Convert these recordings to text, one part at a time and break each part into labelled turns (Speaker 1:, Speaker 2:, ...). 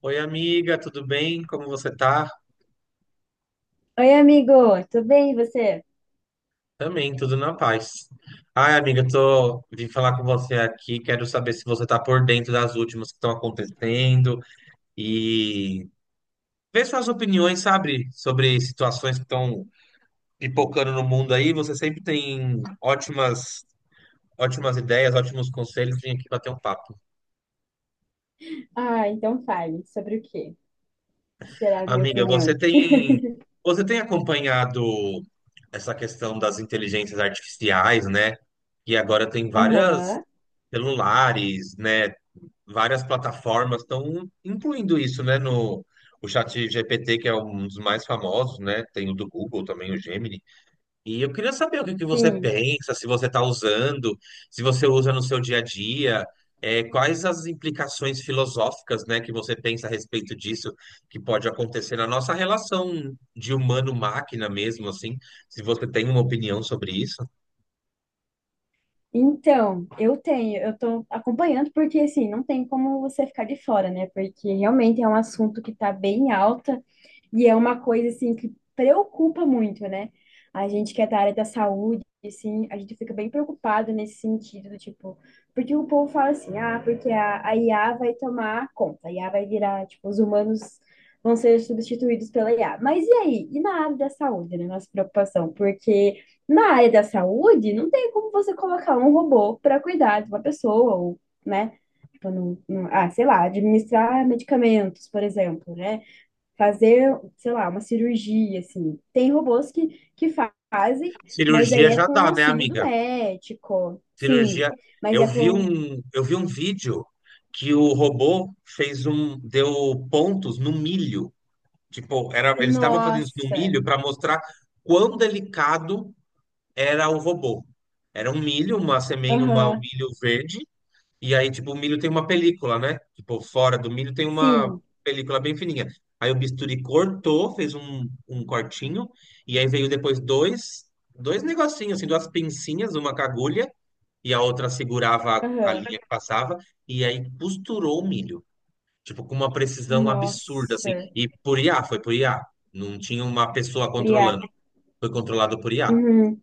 Speaker 1: Oi, amiga, tudo bem? Como você tá?
Speaker 2: Oi, amigo, tudo bem e você?
Speaker 1: Também, tudo na paz. Ai, amiga, tô vim falar com você aqui, quero saber se você tá por dentro das últimas que estão acontecendo e ver suas opiniões, sabe, sobre situações que estão pipocando no mundo aí. Você sempre tem ótimas ideias, ótimos conselhos, vim aqui bater um papo.
Speaker 2: Ah, então fale sobre o quê? Será a minha
Speaker 1: Amiga, você
Speaker 2: opinião?
Speaker 1: tem você tem acompanhado essa questão das inteligências artificiais, né? E agora tem várias
Speaker 2: Aham,
Speaker 1: celulares, né? Várias plataformas estão incluindo isso, né? No o chat GPT, que é um dos mais famosos, né? Tem o do Google também, o Gemini. E eu queria saber o que que você
Speaker 2: sim.
Speaker 1: pensa, se você está usando, se você usa no seu dia a dia, quais as implicações filosóficas, né, que você pensa a respeito disso, que pode acontecer na nossa relação de humano-máquina mesmo, assim, se você tem uma opinião sobre isso.
Speaker 2: Então, eu tô acompanhando porque assim, não tem como você ficar de fora, né? Porque realmente é um assunto que tá bem alta. E é uma coisa, assim, que preocupa muito, né? A gente que é da área da saúde, assim, a gente fica bem preocupado nesse sentido, do tipo, porque o povo fala assim, ah, porque a IA vai tomar conta, a IA vai virar, tipo, os humanos vão ser substituídos pela IA. Mas e aí? E na área da saúde, né? Nossa preocupação, porque na área da saúde não tem como você colocar um robô para cuidar de uma pessoa, ou, né? Tipo, ah, sei lá, administrar medicamentos, por exemplo, né? Fazer, sei lá, uma cirurgia, assim. Tem robôs que, que fazem, mas
Speaker 1: Cirurgia
Speaker 2: aí é
Speaker 1: já
Speaker 2: com o
Speaker 1: dá, né,
Speaker 2: auxílio do
Speaker 1: amiga?
Speaker 2: médico. Sim,
Speaker 1: Cirurgia.
Speaker 2: mas
Speaker 1: Eu
Speaker 2: é
Speaker 1: vi
Speaker 2: com.
Speaker 1: um, eu vi um vídeo que o robô fez um, deu pontos no milho. Tipo, era, eles estavam fazendo isso no
Speaker 2: Nossa!
Speaker 1: milho para mostrar quão delicado era o robô. Era um milho, uma semente, uma, um
Speaker 2: Aham,
Speaker 1: milho verde, e aí, tipo, o milho tem uma película, né? Tipo, fora do milho tem uma
Speaker 2: sim,
Speaker 1: película bem fininha. Aí o bisturi cortou, fez um, um cortinho, e aí veio depois dois, dois negocinhos, assim, duas pincinhas, uma com agulha, e a outra segurava a
Speaker 2: aham.
Speaker 1: linha que passava, e aí costurou o milho. Tipo, com uma precisão absurda, assim.
Speaker 2: Nossa,
Speaker 1: E por IA, foi por IA. Não tinha uma pessoa
Speaker 2: Priá.
Speaker 1: controlando. Foi controlado por IA.
Speaker 2: Uhum.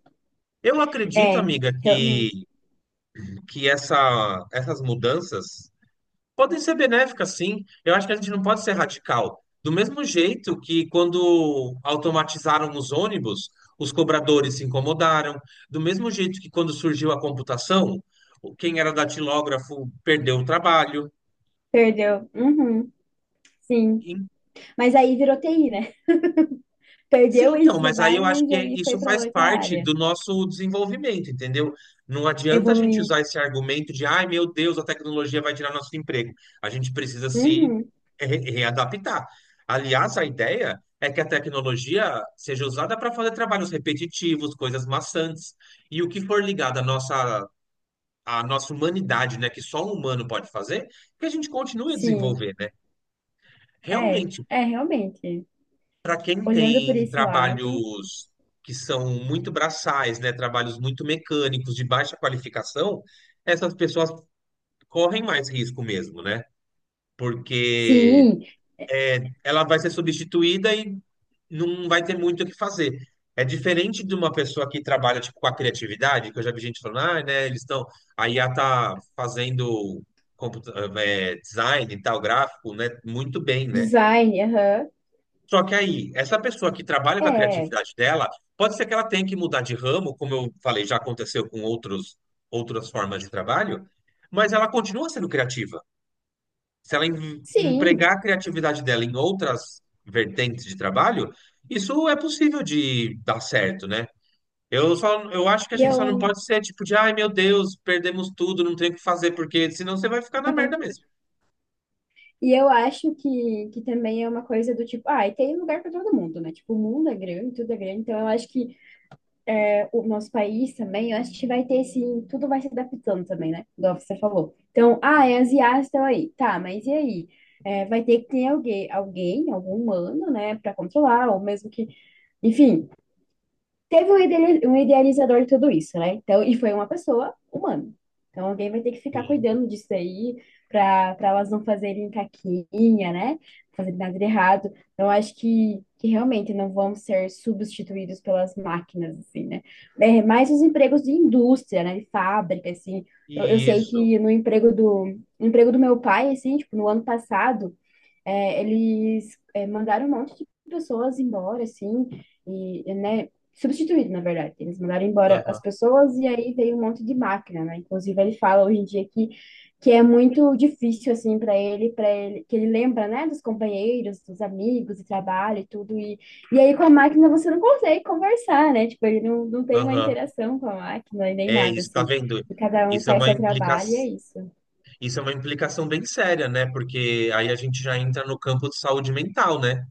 Speaker 1: Eu acredito,
Speaker 2: É,
Speaker 1: amiga,
Speaker 2: realmente.
Speaker 1: que essa, essas mudanças podem ser benéficas, sim. Eu acho que a gente não pode ser radical. Do mesmo jeito que quando automatizaram os ônibus, os cobradores se incomodaram. Do mesmo jeito que quando surgiu a computação, quem era datilógrafo perdeu o trabalho.
Speaker 2: Perdeu. Uhum. Sim. Mas aí virou TI, né?
Speaker 1: Sim,
Speaker 2: Perdeu
Speaker 1: então,
Speaker 2: esse
Speaker 1: mas aí eu
Speaker 2: trabalho,
Speaker 1: acho
Speaker 2: mas
Speaker 1: que
Speaker 2: aí foi
Speaker 1: isso
Speaker 2: para
Speaker 1: faz
Speaker 2: outra
Speaker 1: parte
Speaker 2: área,
Speaker 1: do nosso desenvolvimento, entendeu? Não adianta a gente
Speaker 2: evoluindo.
Speaker 1: usar esse argumento de, ai, meu Deus, a tecnologia vai tirar nosso emprego. A gente precisa se
Speaker 2: Uhum.
Speaker 1: readaptar. Aliás, a ideia é que a tecnologia seja usada para fazer trabalhos repetitivos, coisas maçantes, e o que for ligado à nossa humanidade, né, que só um humano pode fazer, que a gente continue a
Speaker 2: Sim.
Speaker 1: desenvolver, né?
Speaker 2: É,
Speaker 1: Realmente.
Speaker 2: é realmente.
Speaker 1: Para quem
Speaker 2: Olhando por
Speaker 1: tem
Speaker 2: esse lado,
Speaker 1: trabalhos que são muito braçais, né, trabalhos muito mecânicos, de baixa qualificação, essas pessoas correm mais risco mesmo, né? Porque
Speaker 2: sim,
Speaker 1: ela vai ser substituída e não vai ter muito o que fazer. É diferente de uma pessoa que trabalha tipo, com a criatividade, que eu já vi gente falando, ah, né, eles estão. A IA tá fazendo computa- design e tal, gráfico, né? Muito bem, né?
Speaker 2: design, aham.
Speaker 1: Só que aí, essa pessoa que trabalha com a
Speaker 2: É,
Speaker 1: criatividade dela, pode ser que ela tenha que mudar de ramo, como eu falei, já aconteceu com outros, outras formas de trabalho, mas ela continua sendo criativa. Se ela
Speaker 2: sim.
Speaker 1: empregar a criatividade dela em outras vertentes de trabalho, isso é possível de dar certo, né? Eu acho que a
Speaker 2: E
Speaker 1: gente só não
Speaker 2: eu,
Speaker 1: pode ser tipo de, ai meu Deus, perdemos tudo, não tem o que fazer, porque senão você vai ficar na merda mesmo.
Speaker 2: e eu acho que também é uma coisa do tipo, ah, e tem lugar para todo mundo, né? Tipo, o mundo é grande, tudo é grande. Então, eu acho que é, o nosso país também, eu acho que vai ter sim, tudo vai se adaptando também, né? Igual você falou. Então, ah, é asiático estão aí. Tá, mas e aí? É, vai ter que ter alguém, alguém, algum humano, né, para controlar, ou mesmo que, enfim. Teve um um idealizador de tudo isso, né? Então, e foi uma pessoa humana. Então, alguém vai ter que ficar
Speaker 1: Sim.
Speaker 2: cuidando disso aí para elas não fazerem caquinha, né? Não fazerem nada de errado. Então, acho que realmente não vão ser substituídos pelas máquinas, assim, né? É, mais os empregos de indústria, né? De fábrica, assim. Eu sei
Speaker 1: Isso.
Speaker 2: que no emprego do meu pai, assim, tipo, no ano passado, é, eles mandaram um monte de pessoas embora, assim, e, né, substituído, na verdade. Eles mandaram embora as
Speaker 1: Aham,
Speaker 2: pessoas e aí veio um monte de máquina, né? Inclusive, ele fala hoje em dia que é muito difícil, assim, para ele, que ele lembra, né, dos companheiros, dos amigos, do trabalho e tudo. E aí, com a máquina, você não consegue conversar, né? Tipo, ele não tem uma
Speaker 1: aham.
Speaker 2: interação com a máquina e nem
Speaker 1: É
Speaker 2: nada,
Speaker 1: isso, tá
Speaker 2: assim.
Speaker 1: vendo?
Speaker 2: E cada um
Speaker 1: Isso é
Speaker 2: faz
Speaker 1: uma
Speaker 2: seu
Speaker 1: implica...
Speaker 2: trabalho e é isso.
Speaker 1: isso é uma implicação bem séria, né? Porque aí a gente já entra no campo de saúde mental, né?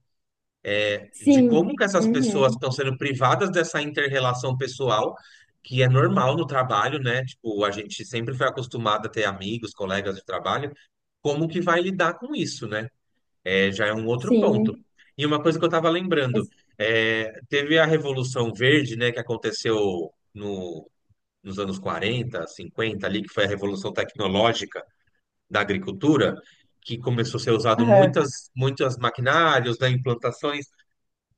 Speaker 1: De
Speaker 2: Sim,
Speaker 1: como que essas pessoas
Speaker 2: uhum,
Speaker 1: estão sendo privadas dessa inter-relação pessoal, que é normal no trabalho, né? Tipo, a gente sempre foi acostumado a ter amigos, colegas de trabalho. Como que vai lidar com isso, né? É, já é um outro ponto.
Speaker 2: sim.
Speaker 1: E uma coisa que eu estava lembrando, teve a Revolução Verde, né, que aconteceu no nos anos 40, 50 ali, que foi a revolução tecnológica da agricultura, que começou a ser usado muitas, muitas maquinários, né, implantações,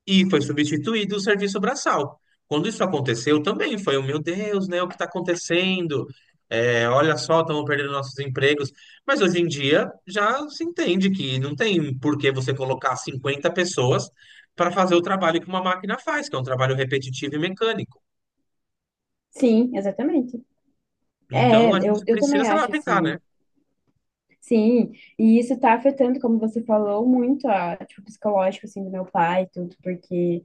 Speaker 1: e foi substituído o serviço braçal. Quando isso aconteceu, também foi, o meu Deus, né, o que está acontecendo? É, olha só, estamos perdendo nossos empregos. Mas hoje em dia já se entende que não tem por que você colocar 50 pessoas para fazer o trabalho que uma máquina faz, que é um trabalho repetitivo e mecânico.
Speaker 2: Sim, exatamente.
Speaker 1: Então
Speaker 2: É,
Speaker 1: a
Speaker 2: eu,
Speaker 1: gente
Speaker 2: eu
Speaker 1: precisa
Speaker 2: também
Speaker 1: se
Speaker 2: acho
Speaker 1: adaptar, né?
Speaker 2: assim. Sim, e isso tá afetando, como você falou, muito a, tipo, psicológico, assim, do meu pai e tudo, porque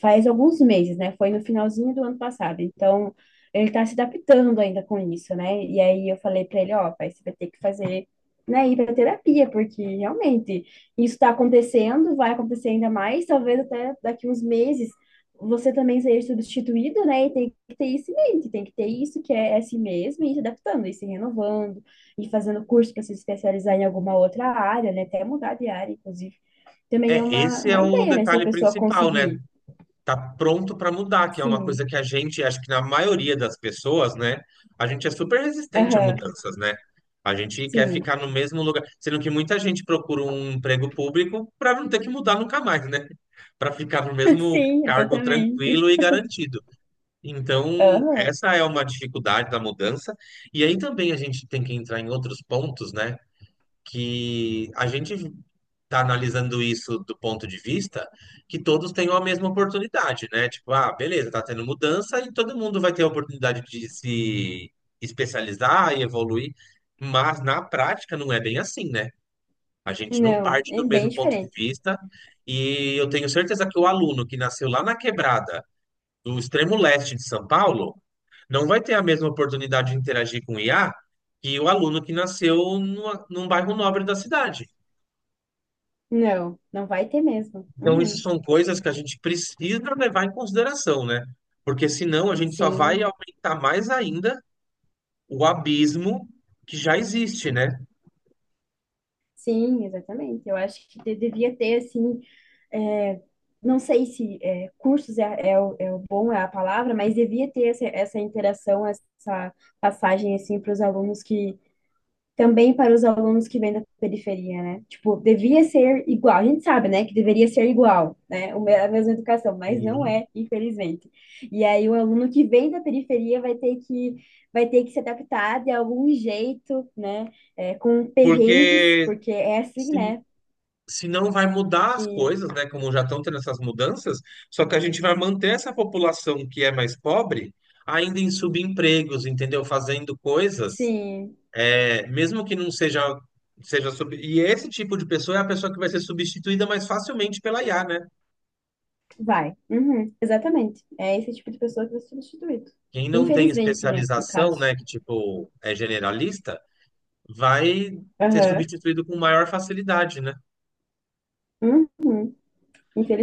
Speaker 2: faz alguns meses, né? Foi no finalzinho do ano passado. Então, ele tá se adaptando ainda com isso, né? E aí eu falei pra ele, ó, pai, você vai ter que fazer, né, ir pra terapia, porque realmente isso tá acontecendo, vai acontecer ainda mais, talvez até daqui uns meses você também seja substituído, né? E tem que ter isso em mente, tem que ter isso que é assim mesmo, e se adaptando, e se renovando, e fazendo curso para se especializar em alguma outra área, né? Até mudar de área, inclusive. Também é
Speaker 1: É, esse é
Speaker 2: uma
Speaker 1: o
Speaker 2: ideia, né? Se a
Speaker 1: detalhe
Speaker 2: pessoa
Speaker 1: principal, né?
Speaker 2: conseguir.
Speaker 1: Tá pronto para mudar, que é uma
Speaker 2: Sim,
Speaker 1: coisa que a gente, acho que na maioria das pessoas, né? A gente é super resistente a
Speaker 2: aham,
Speaker 1: mudanças, né? A gente quer
Speaker 2: sim,
Speaker 1: ficar no mesmo lugar, sendo que muita gente procura um emprego público para não ter que mudar nunca mais, né? Para ficar no mesmo
Speaker 2: sim,
Speaker 1: cargo
Speaker 2: exatamente.
Speaker 1: tranquilo e garantido. Então,
Speaker 2: Aham,
Speaker 1: essa é uma dificuldade da mudança. E aí também a gente tem que entrar em outros pontos, né? Que a gente está analisando isso do ponto de vista que todos tenham a mesma oportunidade, né? Tipo, ah, beleza, tá tendo mudança e todo mundo vai ter a oportunidade de se especializar e evoluir, mas na prática não é bem assim, né? A gente não
Speaker 2: não,
Speaker 1: parte
Speaker 2: é
Speaker 1: do
Speaker 2: bem
Speaker 1: mesmo ponto de
Speaker 2: diferente.
Speaker 1: vista e eu tenho certeza que o aluno que nasceu lá na quebrada do extremo leste de São Paulo não vai ter a mesma oportunidade de interagir com o IA que o aluno que nasceu num bairro nobre da cidade.
Speaker 2: Não, não vai ter mesmo.
Speaker 1: Então, isso
Speaker 2: Uhum.
Speaker 1: são coisas que a gente precisa levar em consideração, né? Porque senão a gente só vai
Speaker 2: Sim,
Speaker 1: aumentar mais ainda o abismo que já existe, né?
Speaker 2: sim, exatamente. Eu acho que devia ter, assim, é, não sei se é, cursos é, é, o, é o bom, é a palavra, mas devia ter essa, essa interação, essa passagem, assim, para os alunos que também para os alunos que vêm da periferia, né? Tipo, devia ser igual. A gente sabe, né, que deveria ser igual, né? A mesma educação, mas não
Speaker 1: Sim.
Speaker 2: é, infelizmente. E aí o aluno que vem da periferia vai ter que se adaptar de algum jeito, né? É, com perrengues,
Speaker 1: Porque
Speaker 2: porque é assim,
Speaker 1: se,
Speaker 2: né?
Speaker 1: se não vai mudar as
Speaker 2: E
Speaker 1: coisas, né? Como já estão tendo essas mudanças, só que a gente vai manter essa população que é mais pobre ainda em subempregos, entendeu? Fazendo coisas,
Speaker 2: sim,
Speaker 1: mesmo que não seja, e esse tipo de pessoa é a pessoa que vai ser substituída mais facilmente pela IA, né?
Speaker 2: vai. Uhum, exatamente. É esse tipo de pessoa que vai ser substituído.
Speaker 1: Quem não tem
Speaker 2: Infelizmente, né, no
Speaker 1: especialização,
Speaker 2: caso.
Speaker 1: né, que tipo é generalista, vai ser
Speaker 2: Aham.
Speaker 1: substituído com maior facilidade, né?
Speaker 2: Uhum,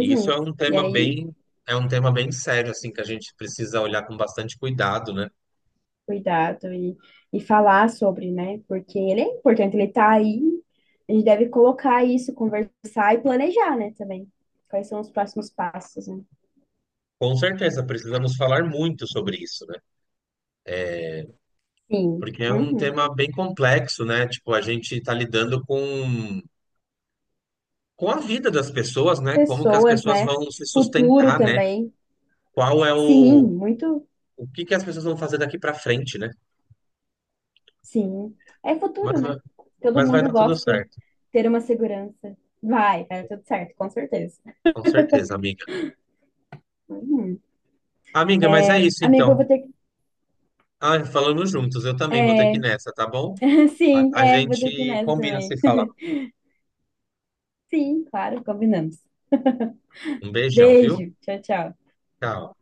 Speaker 1: E isso
Speaker 2: E aí
Speaker 1: é um tema bem sério, assim, que a gente precisa olhar com bastante cuidado, né?
Speaker 2: cuidado e falar sobre, né? Porque ele é importante, ele tá aí, a gente deve colocar isso, conversar e planejar, né, também. Quais são os próximos passos, né?
Speaker 1: Com certeza, precisamos falar muito sobre isso, né?
Speaker 2: Sim.
Speaker 1: Porque é um
Speaker 2: Uhum.
Speaker 1: tema bem complexo, né? Tipo, a gente está lidando com a vida das pessoas, né? Como que as
Speaker 2: Pessoas,
Speaker 1: pessoas
Speaker 2: né?
Speaker 1: vão se
Speaker 2: Futuro
Speaker 1: sustentar, né?
Speaker 2: também.
Speaker 1: Qual é
Speaker 2: Sim,
Speaker 1: o,
Speaker 2: muito,
Speaker 1: o que que as pessoas vão fazer daqui para frente, né?
Speaker 2: sim. É
Speaker 1: Mas,
Speaker 2: futuro, né? Todo
Speaker 1: mas vai
Speaker 2: mundo
Speaker 1: dar tudo
Speaker 2: gosta de
Speaker 1: certo.
Speaker 2: ter uma segurança. Vai, vai dar tudo certo, com certeza.
Speaker 1: Com certeza, amiga.
Speaker 2: Uhum.
Speaker 1: Amiga, mas é isso
Speaker 2: Amigo, eu
Speaker 1: então.
Speaker 2: vou ter
Speaker 1: Ah, falando juntos, eu também vou ter que ir nessa, tá
Speaker 2: que...
Speaker 1: bom? A,
Speaker 2: Sim,
Speaker 1: a
Speaker 2: é, vou ter que ir
Speaker 1: gente
Speaker 2: nessa
Speaker 1: combina
Speaker 2: também.
Speaker 1: se falar.
Speaker 2: Sim, claro, combinamos.
Speaker 1: Um beijão, viu?
Speaker 2: Beijo, tchau, tchau.
Speaker 1: Tchau.